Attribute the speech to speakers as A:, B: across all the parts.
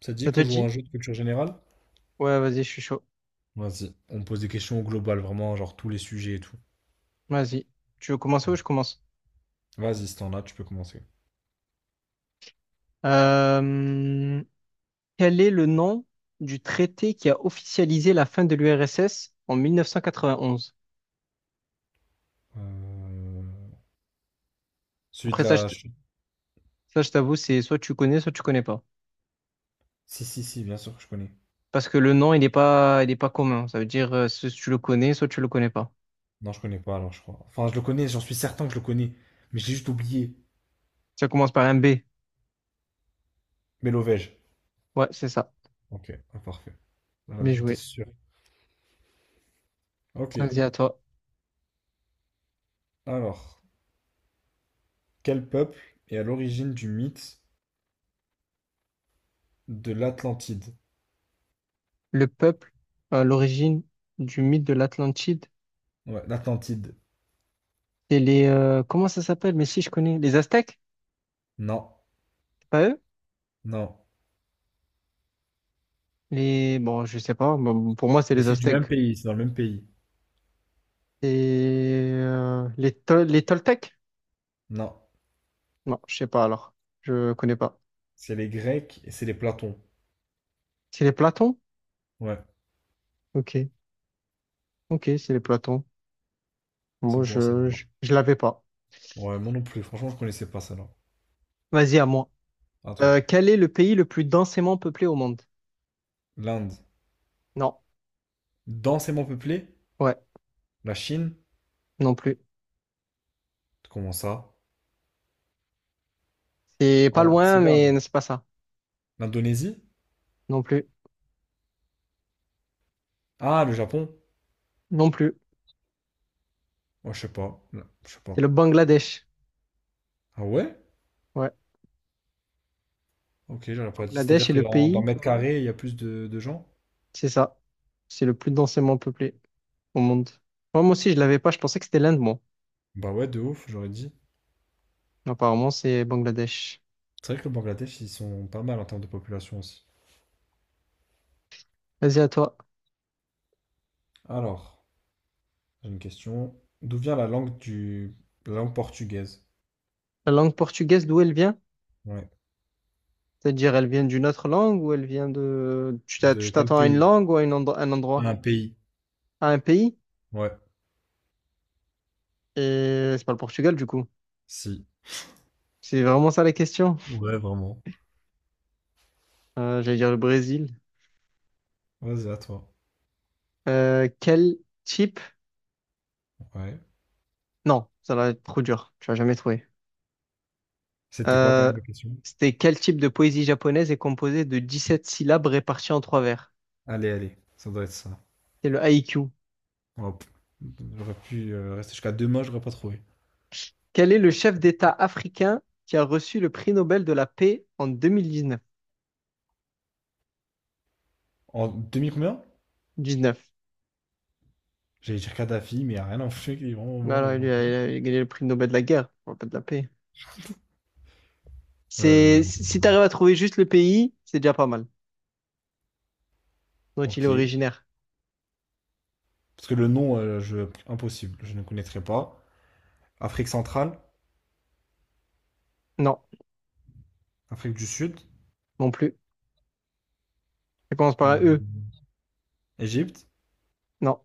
A: Ça te dit
B: Ça te
A: qu'on joue à un
B: dit?
A: jeu de culture générale?
B: Ouais, vas-y, je suis chaud.
A: Vas-y, on pose des questions globales, vraiment, genre tous les sujets et tout.
B: Vas-y. Tu veux commencer ou je commence?
A: Vas-y, si t'en as, tu peux commencer.
B: Euh, Quel est le nom du traité qui a officialisé la fin de l'URSS en 1991?
A: Euh, Celui de
B: Après ça,
A: la...
B: ça, je t'avoue, c'est soit tu connais pas.
A: Si, si, si, bien sûr que je connais.
B: Parce que le nom, il est pas commun. Ça veut dire soit tu le connais, soit tu le connais pas.
A: Non, je connais pas, alors, je crois. Enfin, je le connais, j'en suis certain que je le connais. Mais j'ai juste oublié.
B: Ça commence par un B.
A: Mélovège.
B: Ouais, c'est ça.
A: Ok, ah, parfait. Ah,
B: Bien
A: j'en étais
B: joué.
A: sûr. Ok,
B: Vas-y, à toi.
A: alors. Quel peuple est à l'origine du mythe de l'Atlantide?
B: Le peuple, à l'origine du mythe de l'Atlantide,
A: Ouais, l'Atlantide.
B: et comment ça s'appelle? Mais si, je connais. Les Aztèques?
A: Non,
B: C'est pas eux?
A: non.
B: Les, bon, je sais pas, bon, pour moi, c'est
A: Mais
B: les
A: c'est du même
B: Aztèques.
A: pays, c'est dans le même pays.
B: Et les, les Toltecs?
A: Non.
B: Non, je sais pas alors. Je connais pas.
A: C'est les Grecs et c'est les Platons.
B: C'est les Platons?
A: Ouais,
B: Ok, ok, c'est les Platons.
A: c'est
B: Moi,
A: bon à savoir.
B: je l'avais pas.
A: Ouais, moi non plus. Franchement, je connaissais pas ça là.
B: Vas-y, à moi.
A: À toi.
B: Quel est le pays le plus densément peuplé au monde?
A: L'Inde.
B: Non,
A: Densément peuplée.
B: ouais,
A: La Chine.
B: non plus.
A: Comment ça?
B: C'est pas
A: Oh,
B: loin,
A: c'est pas moi.
B: mais c'est pas ça.
A: L'Indonésie?
B: Non plus,
A: Ah, le Japon.
B: non plus.
A: Ouais, je sais pas. Là, je sais
B: C'est
A: pas.
B: le Bangladesh.
A: Ah ouais?
B: Ouais,
A: Ok, j'aurais pas dit.
B: Bangladesh
A: C'est-à-dire
B: est
A: que
B: le
A: dans
B: pays,
A: mètre carré, il y a plus de gens?
B: c'est ça. C'est le plus densément peuplé au monde. Moi aussi, je l'avais pas. Je pensais que c'était l'Inde, moi.
A: Bah ouais, de ouf, j'aurais dit.
B: Apparemment, c'est Bangladesh.
A: C'est vrai que le Bangladesh, ils sont pas mal en termes de population aussi.
B: Vas-y, à toi.
A: Alors, j'ai une question. D'où vient la langue portugaise?
B: La langue portugaise, d'où elle vient?
A: Ouais.
B: C'est-à-dire, elle vient d'une autre langue ou elle vient de... tu
A: De quel
B: t'attends à une
A: pays?
B: langue ou à une un endroit?
A: Un pays.
B: À un pays?
A: Ouais.
B: Et c'est pas le Portugal, du coup.
A: Si.
B: C'est vraiment ça la question.
A: Ouais, vraiment.
B: J'allais dire le Brésil.
A: Vas-y, à toi.
B: Euh, quel type...
A: Ouais.
B: Non, ça va être trop dur. Tu vas jamais trouver.
A: C'était quoi quand
B: Euh,
A: même la question?
B: c'était quel type de poésie japonaise est composée de 17 syllabes réparties en trois vers?
A: Allez, allez, ça doit être ça.
B: C'est le haïku.
A: Hop. J'aurais pu rester jusqu'à demain, j'aurais pas trouvé.
B: Quel est le chef d'État africain qui a reçu le prix Nobel de la paix en 2019?
A: En demi combien?
B: 19.
A: J'allais dire Kadhafi, mais il n'y a rien en fait qui est vraiment
B: Bah
A: mort il
B: alors,
A: y a longtemps.
B: il a gagné le prix Nobel de la guerre, on va pas de la paix. C'est,
A: Euh,
B: si t'arrives à trouver juste le pays, c'est déjà pas mal. Dont il est
A: ok.
B: originaire.
A: Parce que le nom, impossible, je ne connaîtrais pas. Afrique centrale,
B: Non,
A: Afrique du Sud,
B: non plus. Ça commence par un E.
A: Hmm. Égypte,
B: Non.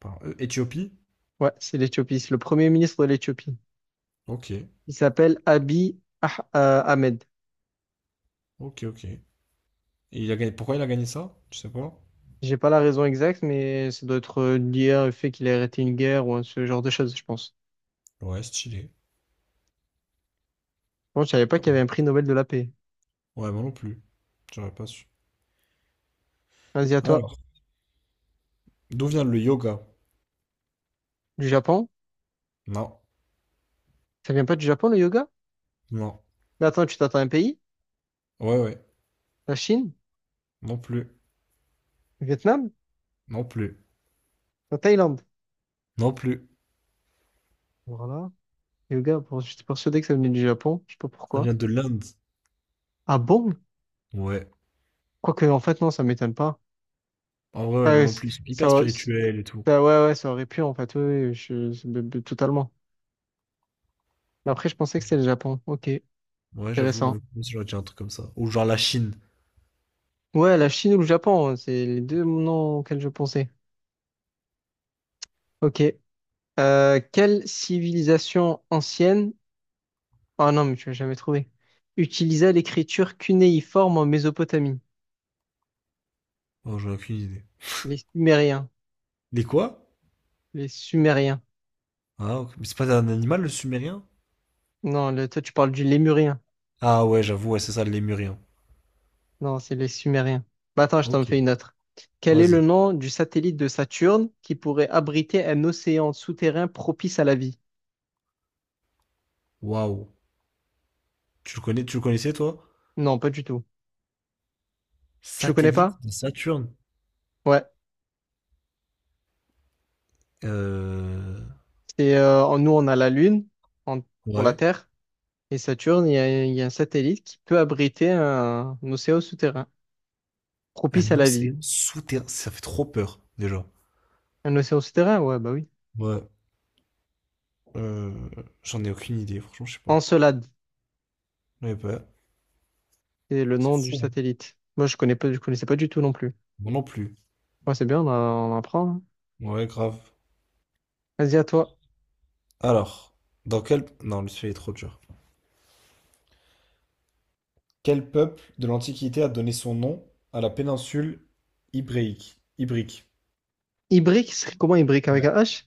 A: pardon, Éthiopie.
B: Ouais, c'est l'Éthiopie. C'est le premier ministre de l'Éthiopie.
A: Ok,
B: Il s'appelle Ahmed.
A: ok, ok. Et il a gagné... Pourquoi il a gagné ça? Je sais pas.
B: J'ai pas la raison exacte, mais ça doit être lié au fait qu'il a arrêté une guerre ou ce genre de choses, je pense.
A: Ouais, stylé.
B: Bon, je savais pas
A: Pas
B: qu'il y avait
A: mal.
B: un prix Nobel de la paix.
A: Ouais, moi non plus. J'aurais pas su.
B: Vas-y, à toi.
A: Alors. D'où vient le yoga?
B: Du Japon?
A: Non,
B: Ça vient pas du Japon, le yoga?
A: non.
B: Mais attends, tu t'attends à un pays?
A: Ouais, ouais.
B: La Chine?
A: Non plus.
B: Le Vietnam?
A: Non plus.
B: La Thaïlande?
A: Non plus.
B: Voilà. Yoga, bon, j'étais persuadé que ça venait du Japon. Je sais pas
A: Ça
B: pourquoi.
A: vient de l'Inde.
B: Ah bon?
A: Ouais.
B: Quoique, en fait, non, ça m'étonne pas.
A: En vrai, ouais, moi
B: Ah,
A: non
B: c-
A: plus. Ils sont hyper
B: ça,
A: spirituel et tout.
B: ouais, ouais, ça aurait pu, en fait. Oui, oui, totalement. Mais après, je pensais que c'était le Japon. Ok,
A: Ouais, j'avoue, moi
B: intéressant.
A: non plus, j'aurais dit un truc comme ça. Ou genre la Chine.
B: Ouais, la Chine ou le Japon, hein, c'est les deux noms auxquels je pensais. Ok. Quelle civilisation ancienne, ah non, mais tu l'as jamais trouvé, utilisa l'écriture cunéiforme en Mésopotamie?
A: Oh, j'aurais aucune idée.
B: Les Sumériens.
A: Les quoi?
B: Les Sumériens.
A: Ah, ok. Mais c'est pas un animal, le sumérien?
B: Non, toi, tu parles du Lémurien.
A: Ah ouais, j'avoue, ouais, c'est ça, le lémurien.
B: Non, c'est les Sumériens. Bah, attends, je t'en
A: Ok,
B: fais une autre. Quel est le
A: vas-y.
B: nom du satellite de Saturne qui pourrait abriter un océan souterrain propice à la vie?
A: Waouh. Tu le connais, tu le connaissais, toi?
B: Non, pas du tout. Tu le connais
A: Satellite
B: pas?
A: de Saturne.
B: Ouais.
A: Euh...
B: Nous, on a la Lune en- pour la
A: Ouais.
B: Terre. Et Saturne, il y a un satellite qui peut abriter un océan souterrain propice
A: Un
B: à la vie.
A: océan souterrain. Ça fait trop peur, déjà.
B: Un océan souterrain? Ouais, bah oui.
A: Ouais. Euh, j'en ai aucune idée, franchement, je sais pas.
B: Encelade,
A: Ouais, bah,
B: c'est le
A: c'est
B: nom du
A: fou, hein.
B: satellite. Moi, je connaissais pas du tout non plus.
A: Moi non plus.
B: Ouais, c'est bien, on apprend, hein.
A: Ouais, grave.
B: Vas-y, à toi.
A: Alors, Non, lui, celui est trop dur. Quel peuple de l'Antiquité a donné son nom à la péninsule ibérique? Ibrique.
B: Ibrique, c'est comment Ibrique avec
A: Ouais.
B: un H?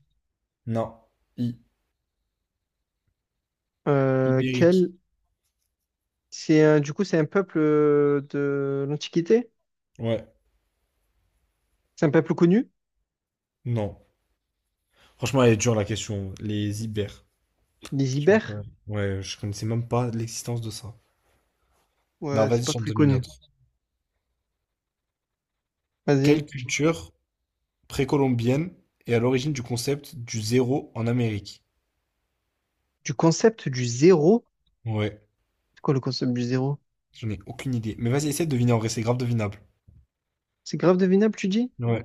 A: Non. I-
B: Euh,
A: Ibérique.
B: quel... C'est un... Du coup, c'est un peuple de l'Antiquité?
A: Ouais.
B: C'est un peuple connu?
A: Non. Franchement, elle est dure, la question. Les Ibères.
B: Les
A: Je sais
B: Ibères?
A: pas. Ouais, je connaissais même pas l'existence de ça. Non,
B: Ouais, c'est
A: vas-y,
B: pas
A: j'en
B: très
A: donne une
B: connu.
A: autre.
B: Vas-y.
A: Quelle culture précolombienne est à l'origine du concept du zéro en Amérique?
B: Du concept du zéro?
A: Ouais,
B: C'est quoi le concept du zéro?
A: j'en ai aucune idée. Mais vas-y, essaie de deviner en vrai, c'est grave devinable.
B: C'est grave devinable, tu dis?
A: Ouais.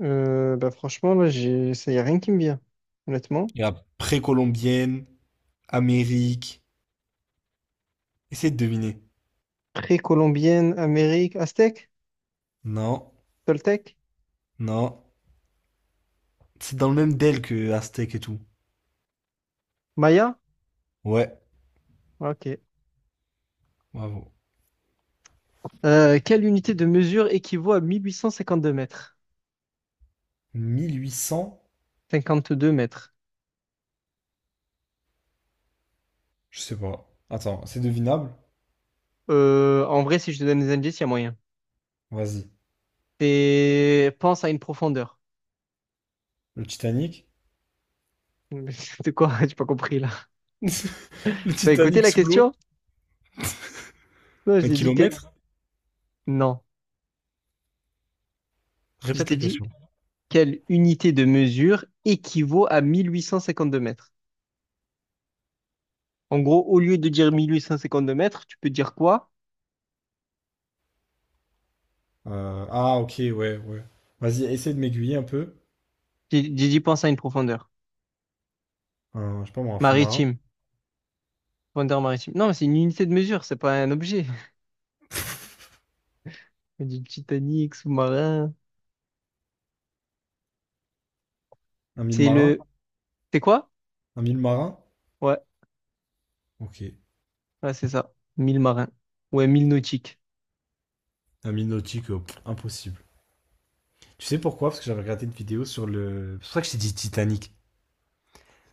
B: Bah franchement, là, ça y a rien qui me vient, honnêtement.
A: Il y a précolombienne, Amérique. Essaie de deviner.
B: Précolombienne, Amérique, Aztèque,
A: Non,
B: Toltèque,
A: non. C'est dans le même DEL que Aztèque et tout.
B: Maya?
A: Ouais,
B: Ok.
A: bravo.
B: Quelle unité de mesure équivaut à 1852 mètres?
A: 1 800?
B: Cinquante deux mètres.
A: Je sais pas. Attends, c'est devinable?
B: En vrai, si je te donne des indices, il y a moyen.
A: Vas-y.
B: C'est pense à une profondeur.
A: Le Titanic?
B: De quoi? J'ai pas compris là.
A: Le
B: T'as écouté
A: Titanic
B: la
A: sous l'eau?
B: question? Non, je
A: Un
B: t'ai dit que...
A: kilomètre?
B: Non. Je
A: Répète
B: t'ai
A: la
B: dit
A: question.
B: quelle unité de mesure équivaut à 1852 mètres. En gros, au lieu de dire 1852 mètres, tu peux dire quoi?
A: Ah, ok, ouais, ouais. Vas-y, essaie de m'aiguiller un peu.
B: J'ai dit pense à une profondeur.
A: Je sais pas moi, un fond marin?
B: Maritime. Profondeur maritime. Non, mais c'est une unité de mesure, c'est pas un objet. Du Titanic, sous-marin.
A: Un mille
B: C'est
A: marin?
B: le... C'est quoi?
A: Un mille marin?
B: Ouais,
A: Ok.
B: ouais, c'est ça. 1000 marins. Ouais, 1000 nautiques.
A: Un Minotique, pff, impossible. Tu sais pourquoi? Parce que j'avais regardé une vidéo sur le. C'est pour ça que j'ai dit Titanic.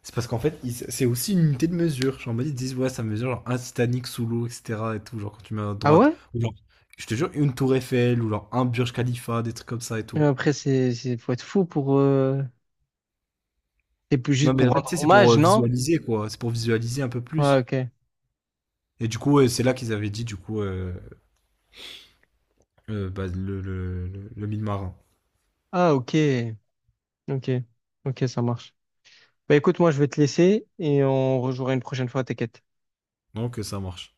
A: C'est parce qu'en fait, c'est aussi une unité de mesure. Genre, en mode, ils disent, ouais, ça mesure genre un Titanic sous l'eau, etc. Et tout, genre quand tu mets à
B: Ah
A: droite.
B: ouais?
A: Ou genre, je te jure, une tour Eiffel, ou genre un Burj Khalifa, des trucs comme ça et
B: Mais
A: tout.
B: après, faut être fou pour, c'est plus
A: Non,
B: juste
A: mais
B: pour
A: en fait, tu
B: rendre
A: sais, c'est pour
B: hommage, non?
A: visualiser, quoi. C'est pour visualiser un peu
B: Ouais,
A: plus.
B: ok.
A: Et du coup, ouais, c'est là qu'ils avaient dit, du coup, bah, le mille marin.
B: Ah, ok. Ok. Ok, ça marche. Bah écoute, moi, je vais te laisser et on rejouera une prochaine fois, t'inquiète.
A: Donc, ça marche.